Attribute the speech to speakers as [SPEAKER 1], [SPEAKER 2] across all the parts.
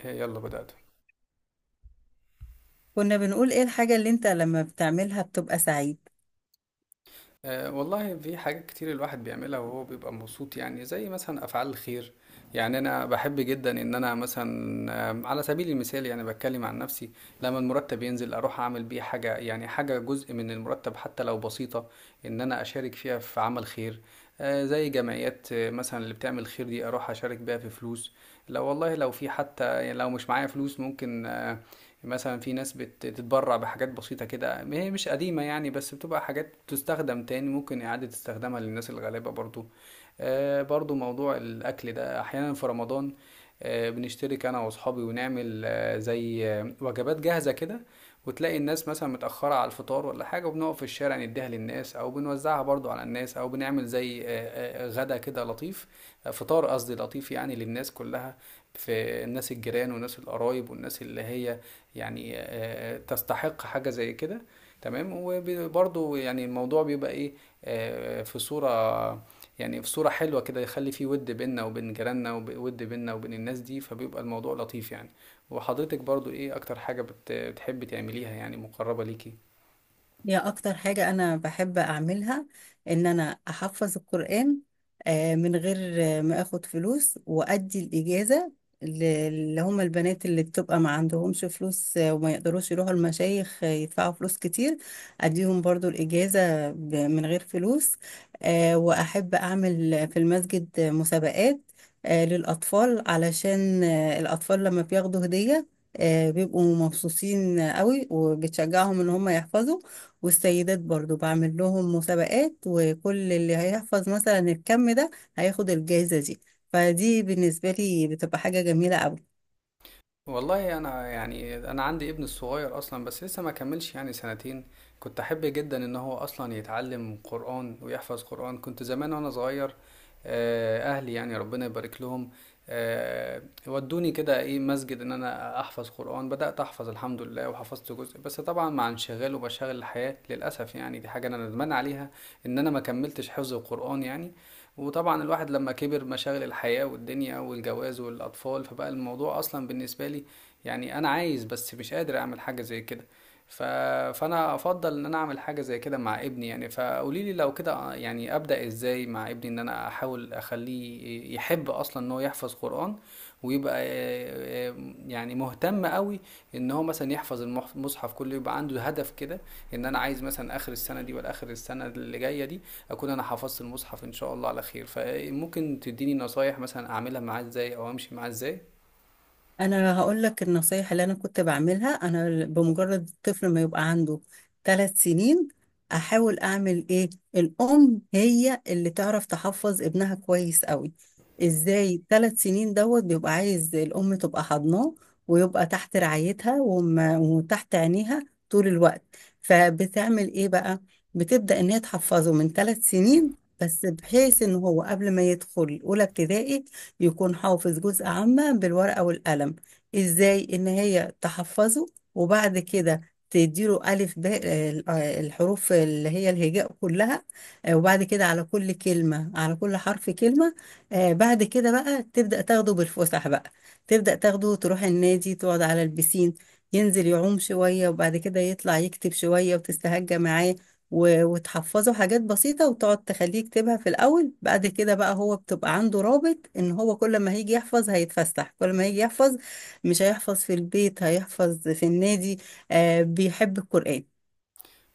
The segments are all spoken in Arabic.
[SPEAKER 1] إيه، يلا بدأت.
[SPEAKER 2] كنا بنقول ايه الحاجة اللي انت لما بتعملها بتبقى سعيد؟
[SPEAKER 1] أه والله، في حاجات كتير الواحد بيعملها وهو بيبقى مبسوط، يعني زي مثلا أفعال الخير. يعني أنا بحب جدا إن أنا مثلا على سبيل المثال، يعني بتكلم عن نفسي. لما المرتب ينزل أروح أعمل بيه حاجة، يعني حاجة جزء من المرتب حتى لو بسيطة، إن أنا أشارك فيها في عمل خير. أه زي جمعيات مثلا اللي بتعمل خير دي، أروح أشارك بيها في فلوس. لو والله لو في حتى، يعني لو مش معايا فلوس ممكن، مثلا في ناس بتتبرع بحاجات بسيطة كده، هي مش قديمة يعني بس بتبقى حاجات تستخدم تاني، ممكن إعادة استخدامها للناس الغلابة برضو. برضو موضوع الأكل ده أحيانا في رمضان، بنشترك أنا وأصحابي ونعمل زي وجبات جاهزة كده، وتلاقي الناس مثلا متأخرة على الفطار ولا حاجة، وبنقف في الشارع نديها للناس أو بنوزعها برضو على الناس، أو بنعمل زي غدا كده لطيف، فطار قصدي، لطيف يعني للناس كلها، في الناس الجيران والناس القرايب والناس اللي هي يعني تستحق حاجة زي كده. تمام، وبرضه يعني الموضوع بيبقى ايه، في صورة، يعني في صورة حلوة كده، يخلي فيه ود بيننا وبين جيراننا، وود بيننا وبين الناس دي، فبيبقى الموضوع لطيف يعني. وحضرتك برضو، ايه اكتر حاجة بتحبي تعمليها يعني، مقربة ليكي؟
[SPEAKER 2] هي أكتر حاجة أنا بحب أعملها إن أنا أحفظ القرآن من غير ما أخد فلوس وأدي الإجازة اللي هم البنات اللي بتبقى ما عندهمش فلوس، وما يقدروش يروحوا المشايخ، يدفعوا فلوس كتير. أديهم برضو الإجازة من غير فلوس. وأحب أعمل في المسجد مسابقات للأطفال علشان الأطفال لما بياخدوا هدية، بيبقوا مبسوطين قوي وبتشجعهم إن هم يحفظوا. والسيدات برضو بعمل لهم مسابقات، وكل اللي هيحفظ مثلا الكم ده هياخد الجائزة دي. فدي بالنسبة لي بتبقى حاجة جميلة أوي.
[SPEAKER 1] والله، انا يعني انا عندي ابن الصغير اصلا، بس لسه ما كملش يعني سنتين. كنت احب جدا ان هو اصلا يتعلم قرآن ويحفظ قرآن. كنت زمان وانا صغير، اهلي يعني ربنا يبارك لهم، آه، ودوني كده ايه مسجد ان انا احفظ قرآن. بدأت احفظ الحمد لله وحفظت جزء، بس طبعا مع انشغال ومشاغل الحياة للاسف، يعني دي حاجة انا ندمان عليها، ان انا ما كملتش حفظ القرآن يعني. وطبعا الواحد لما كبر، مشاغل الحياة والدنيا والجواز والأطفال، فبقى الموضوع أصلا بالنسبة لي، يعني أنا عايز بس مش قادر أعمل حاجة زي كده. ف... فأنا أفضل إن أنا أعمل حاجة زي كده مع ابني، يعني فقولي لي لو كده، يعني أبدأ إزاي مع ابني، إن أنا أحاول أخليه يحب أصلا إن هو يحفظ قرآن، ويبقى يعني مهتم قوي، ان هو مثلا يحفظ المصحف كله، يبقى عنده هدف كده، ان انا عايز مثلا اخر السنه دي ولا اخر السنه اللي جايه دي، اكون انا حفظت المصحف ان شاء الله على خير. فممكن تديني نصايح مثلا اعملها معاه ازاي، او امشي معاه ازاي؟
[SPEAKER 2] انا هقول لك النصايح اللي انا كنت بعملها. انا بمجرد الطفل ما يبقى عنده 3 سنين احاول اعمل ايه؟ الام هي اللي تعرف تحفظ ابنها كويس قوي. ازاي؟ 3 سنين دوت بيبقى عايز الام تبقى حضناه ويبقى تحت رعايتها وتحت عينيها طول الوقت. فبتعمل ايه بقى؟ بتبدأ ان هي تحفظه من 3 سنين، بس بحيث ان هو قبل ما يدخل اولى ابتدائي يكون حافظ جزء عامة بالورقة والقلم. ازاي ان هي تحفظه؟ وبعد كده تديله ألف باء، الحروف اللي هي الهجاء كلها. وبعد كده على كل كلمة، على كل حرف كلمة. بعد كده بقى تبدأ تاخده بالفسح بقى. تبدأ تاخده تروح النادي، تقعد على البسين، ينزل يعوم شوية وبعد كده يطلع يكتب شوية وتستهجى معاه، وتحفظه حاجات بسيطة وتقعد تخليه يكتبها في الأول. بعد كده بقى هو بتبقى عنده رابط إن هو كل ما هيجي يحفظ هيتفسح، كل ما هيجي يحفظ مش هيحفظ في البيت، هيحفظ في النادي. آه، بيحب القرآن.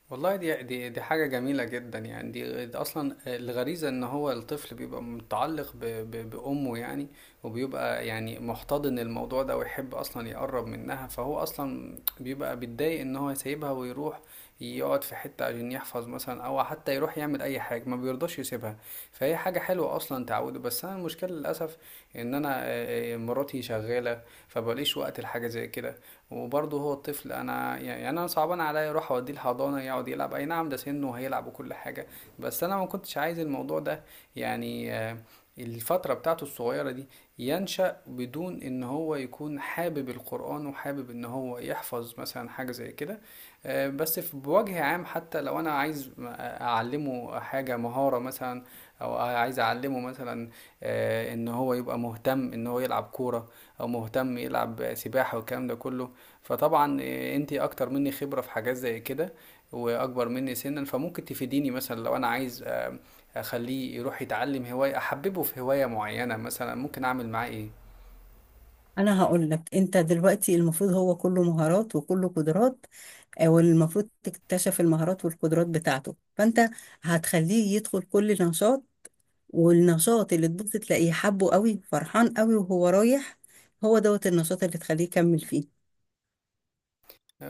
[SPEAKER 1] والله، دي حاجة جميلة جدا يعني، دي أصلا الغريزة، إن هو الطفل بيبقى متعلق ب ب بأمه يعني، وبيبقى يعني محتضن الموضوع ده، ويحب أصلا يقرب منها، فهو أصلا بيبقى بيتضايق إن هو يسيبها ويروح يقعد في حتة عشان يحفظ مثلا، أو حتى يروح يعمل أي حاجة، ما بيرضاش يسيبها. فهي حاجة حلوة أصلا تعوده، بس أنا المشكلة للأسف، إن أنا مراتي شغالة، فبقاليش وقت لحاجة زي كده. وبرضه هو الطفل، انا يعني انا صعبان عليا اروح اوديه الحضانه يقعد يلعب، اي نعم ده سنه وهيلعب وكل حاجه، بس انا ما كنتش عايز الموضوع ده يعني، الفتره بتاعته الصغيره دي، ينشأ بدون ان هو يكون حابب القرآن، وحابب ان هو يحفظ مثلا حاجه زي كده. بس في بوجه عام، حتى لو انا عايز اعلمه حاجه، مهاره مثلا، او عايز اعلمه مثلا ان هو يبقى مهتم ان هو يلعب كوره، او مهتم يلعب سباحه والكلام ده كله. فطبعا إيه، انتي اكتر مني خبرة في حاجات زي كده، واكبر مني سنا، فممكن تفيديني مثلا، لو انا عايز اخليه يروح يتعلم هواية، احببه في هواية معينة مثلا، ممكن اعمل معاه ايه؟
[SPEAKER 2] أنا هقول لك: أنت دلوقتي المفروض هو كله مهارات وكله قدرات، والمفروض تكتشف المهارات والقدرات بتاعته. فأنت هتخليه يدخل كل نشاط، والنشاط اللي تبص تلاقيه حبه قوي فرحان قوي وهو رايح، هو دوت النشاط اللي تخليه يكمل فيه.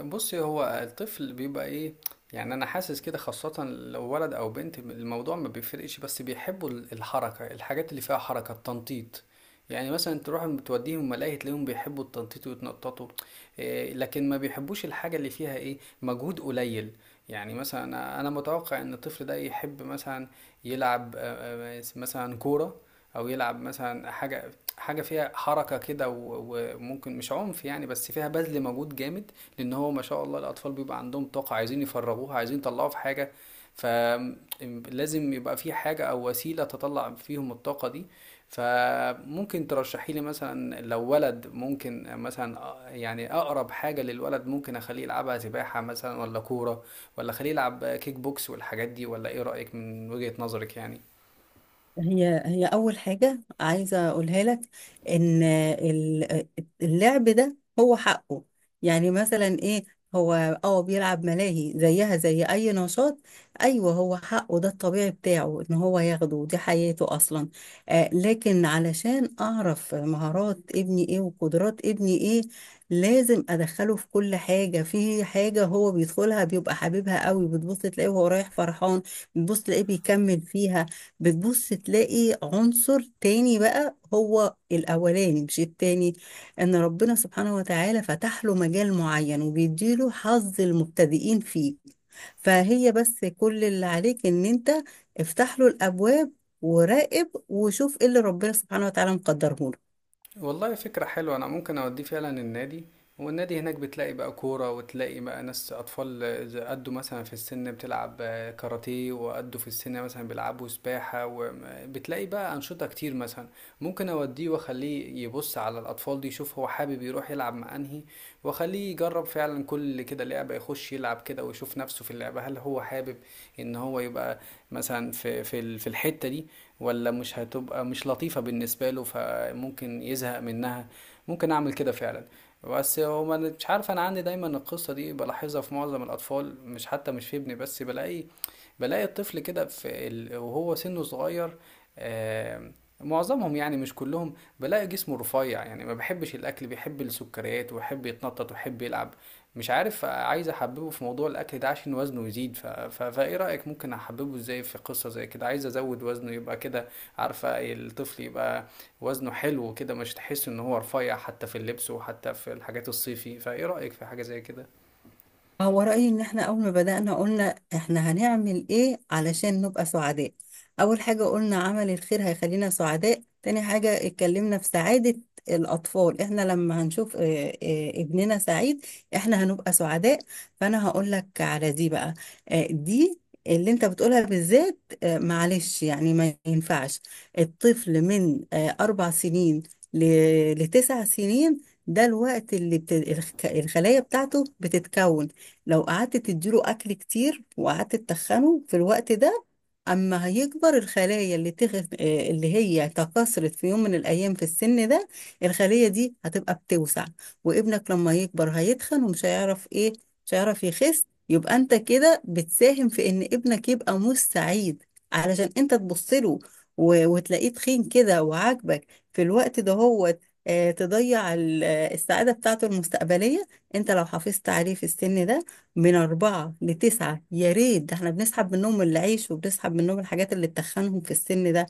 [SPEAKER 1] بُصّي، هو الطفل بيبقى إيه، يعني أنا حاسس كده، خاصةً لو ولد أو بنت م الموضوع ما بيفرقش، بس بيحبّوا الحركة، الحاجات اللي فيها حركة، التنطيط. يعني مثلًا تروح م تودّيهم ملاهي تلاقيهم بيحبّوا التنطيط ويتنططوا، لكن ما بيحبّوش الحاجة اللي فيها إيه، مجهود قليل. يعني مثلًا أنا متوقع إن الطفل ده يحب مثلًا يلعب س مثلًا كورة، أو يلعب مثلًا حاجة فيها حركة كده، و وممكن مش عنف يعني، بس فيها بَذْل مجهود جامد، لان هو ما شاء الله الاطفال بيبقى عندهم طاقه، عايزين يفرغوها، عايزين يطلعوها في حاجه، فلازم يبقى في حاجه او وسيله تطلع فيهم الطاقه دي. فممكن ترشحي لي مثلا، لو ولد ممكن مثلا يعني اقرب حاجه للولد ممكن اخليه يلعبها، سباحه مثلا ولا كوره، ولا اخليه يلعب كيك بوكس والحاجات دي، ولا ايه رايك من وجهه نظرك يعني؟
[SPEAKER 2] هي أول حاجة عايزة أقولها لك، إن اللعب ده هو حقه. يعني مثلا إيه؟ هو اه بيلعب ملاهي زيها زي أي نشاط. أيوه، هو حقه، ده الطبيعي بتاعه، إن هو ياخده، دي حياته أصلا. آه، لكن علشان أعرف مهارات ابني إيه وقدرات ابني إيه، لازم أدخله في كل حاجة. في حاجة هو بيدخلها بيبقى حاببها قوي، بتبص تلاقيه وهو رايح فرحان، بتبص تلاقيه بيكمل فيها. بتبص تلاقي عنصر تاني بقى هو الأولاني مش التاني، إن ربنا سبحانه وتعالى فتح له مجال معين وبيديله حظ المبتدئين فيه. فهي بس كل اللي عليك إن أنت افتح له الأبواب، وراقب وشوف إيه اللي ربنا سبحانه وتعالى مقدره لك.
[SPEAKER 1] والله فكرة حلوة، أنا ممكن أوديه فعلا النادي. والنادي هناك بتلاقي بقى كورة، وتلاقي بقى ناس أطفال إذا قدوا مثلا في السن بتلعب كاراتيه، وقدوا في السن مثلا بيلعبوا سباحة، وبتلاقي بقى أنشطة كتير مثلا. ممكن أوديه وأخليه يبص على الأطفال دي، يشوف هو حابب يروح يلعب مع أنهي، وأخليه يجرب فعلا كل كده لعبة، يخش يلعب كده ويشوف نفسه في اللعبة، هل هو حابب إن هو يبقى مثلا في الحتة دي، ولا مش هتبقى، مش لطيفة بالنسبة له، ف ممكن يزهق منها. ممكن اعمل كده فعلا. بس هو ما أنا- مش عارف، انا عندي دايما القصه دي بلاحظها في معظم الاطفال، مش حتى مش في ابني بس، بلاقي الطفل كده في وهو سنه صغير، آم، معظمهم يعني مش كلهم، بلاقي جسمه رفيع، يعني ما بحبش الاكل، بيحب السكريات ويحب يتنطط ويحب يلعب. مش عارف، عايز احببه في موضوع الاكل ده عشان وزنه يزيد، فايه رايك، ممكن احببه ازاي في قصه زي كده؟ عايز ازود وزنه يبقى كده، عارفه الطفل يبقى وزنه حلو كده، مش تحس ان هو رفيع، حتى في اللبس وحتى في الحاجات الصيفي. فايه رأيك في حاجة زي كده؟
[SPEAKER 2] هو رأيي إن إحنا أول ما بدأنا قلنا إحنا هنعمل إيه علشان نبقى سعداء. أول حاجة قلنا عمل الخير هيخلينا سعداء، تاني حاجة اتكلمنا في سعادة الأطفال. إحنا لما هنشوف ابننا سعيد إحنا هنبقى سعداء. فأنا هقول لك على دي بقى، دي اللي انت بتقولها بالذات. معلش يعني ما ينفعش الطفل من 4 سنين لتسع سنين. ده الوقت اللي الخلايا بتاعته بتتكون. لو قعدت تديله اكل كتير وقعدت تتخنه في الوقت ده، اما هيكبر الخلايا اللي اللي هي تكاثرت في يوم من الايام في السن ده، الخلية دي هتبقى بتوسع. وابنك لما يكبر هيتخن ومش هيعرف ايه، مش هيعرف يخس. يبقى انت كده بتساهم في ان ابنك يبقى مش سعيد، علشان انت تبص له وتلاقيه تخين كده وعاجبك في الوقت ده. هو تضيع السعادة بتاعته المستقبلية. انت لو حافظت عليه في السن ده من أربعة لتسعة يا ريت. ده احنا بنسحب منهم العيش وبنسحب منهم الحاجات اللي تخنهم في السن ده.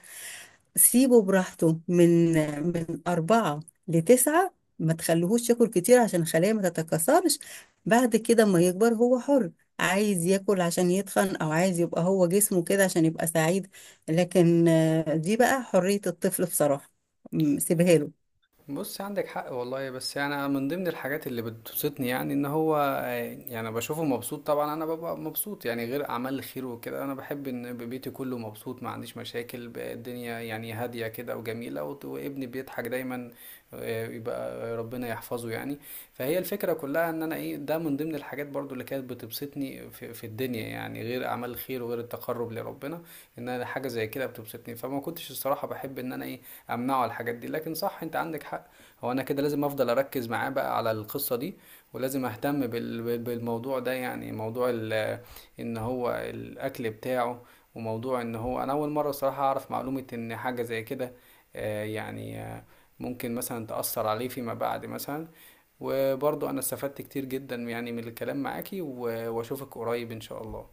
[SPEAKER 2] سيبه براحته من أربعة لتسعة. ما تخليهوش ياكل كتير عشان الخلية ما تتكاثرش. بعد كده ما يكبر هو حر، عايز ياكل عشان يتخن أو عايز يبقى هو جسمه كده عشان يبقى سعيد. لكن دي بقى حرية الطفل بصراحة. سيبها له.
[SPEAKER 1] بص، عندك حق والله، بس يعني انا من ضمن الحاجات اللي بتبسطني، يعني ان هو، يعني أنا بشوفه مبسوط، طبعا انا ببقى مبسوط، يعني غير اعمال الخير وكده، انا بحب ان بيتي كله مبسوط، ما عنديش مشاكل، الدنيا يعني هادية كده وجميلة، وابني بيضحك دايما، يبقى ربنا يحفظه يعني. فهي الفكرة كلها ان انا ايه ده، من ضمن الحاجات برضو اللي كانت بتبسطني في الدنيا، يعني غير اعمال الخير وغير التقرب لربنا، ان انا حاجة زي كده بتبسطني. فما كنتش الصراحة بحب ان انا ايه، امنعه على الحاجات دي، لكن صح انت عندك حق. هو انا كده لازم افضل اركز معاه بقى على القصة دي، ولازم اهتم بالموضوع ده، يعني موضوع ان هو الاكل بتاعه، وموضوع ان هو، انا اول مرة صراحة اعرف معلومة ان حاجة زي كده يعني ممكن مثلا تأثر عليه فيما بعد مثلا. وبرضو انا استفدت كتير جدا يعني من الكلام معاكي، واشوفك قريب ان شاء الله.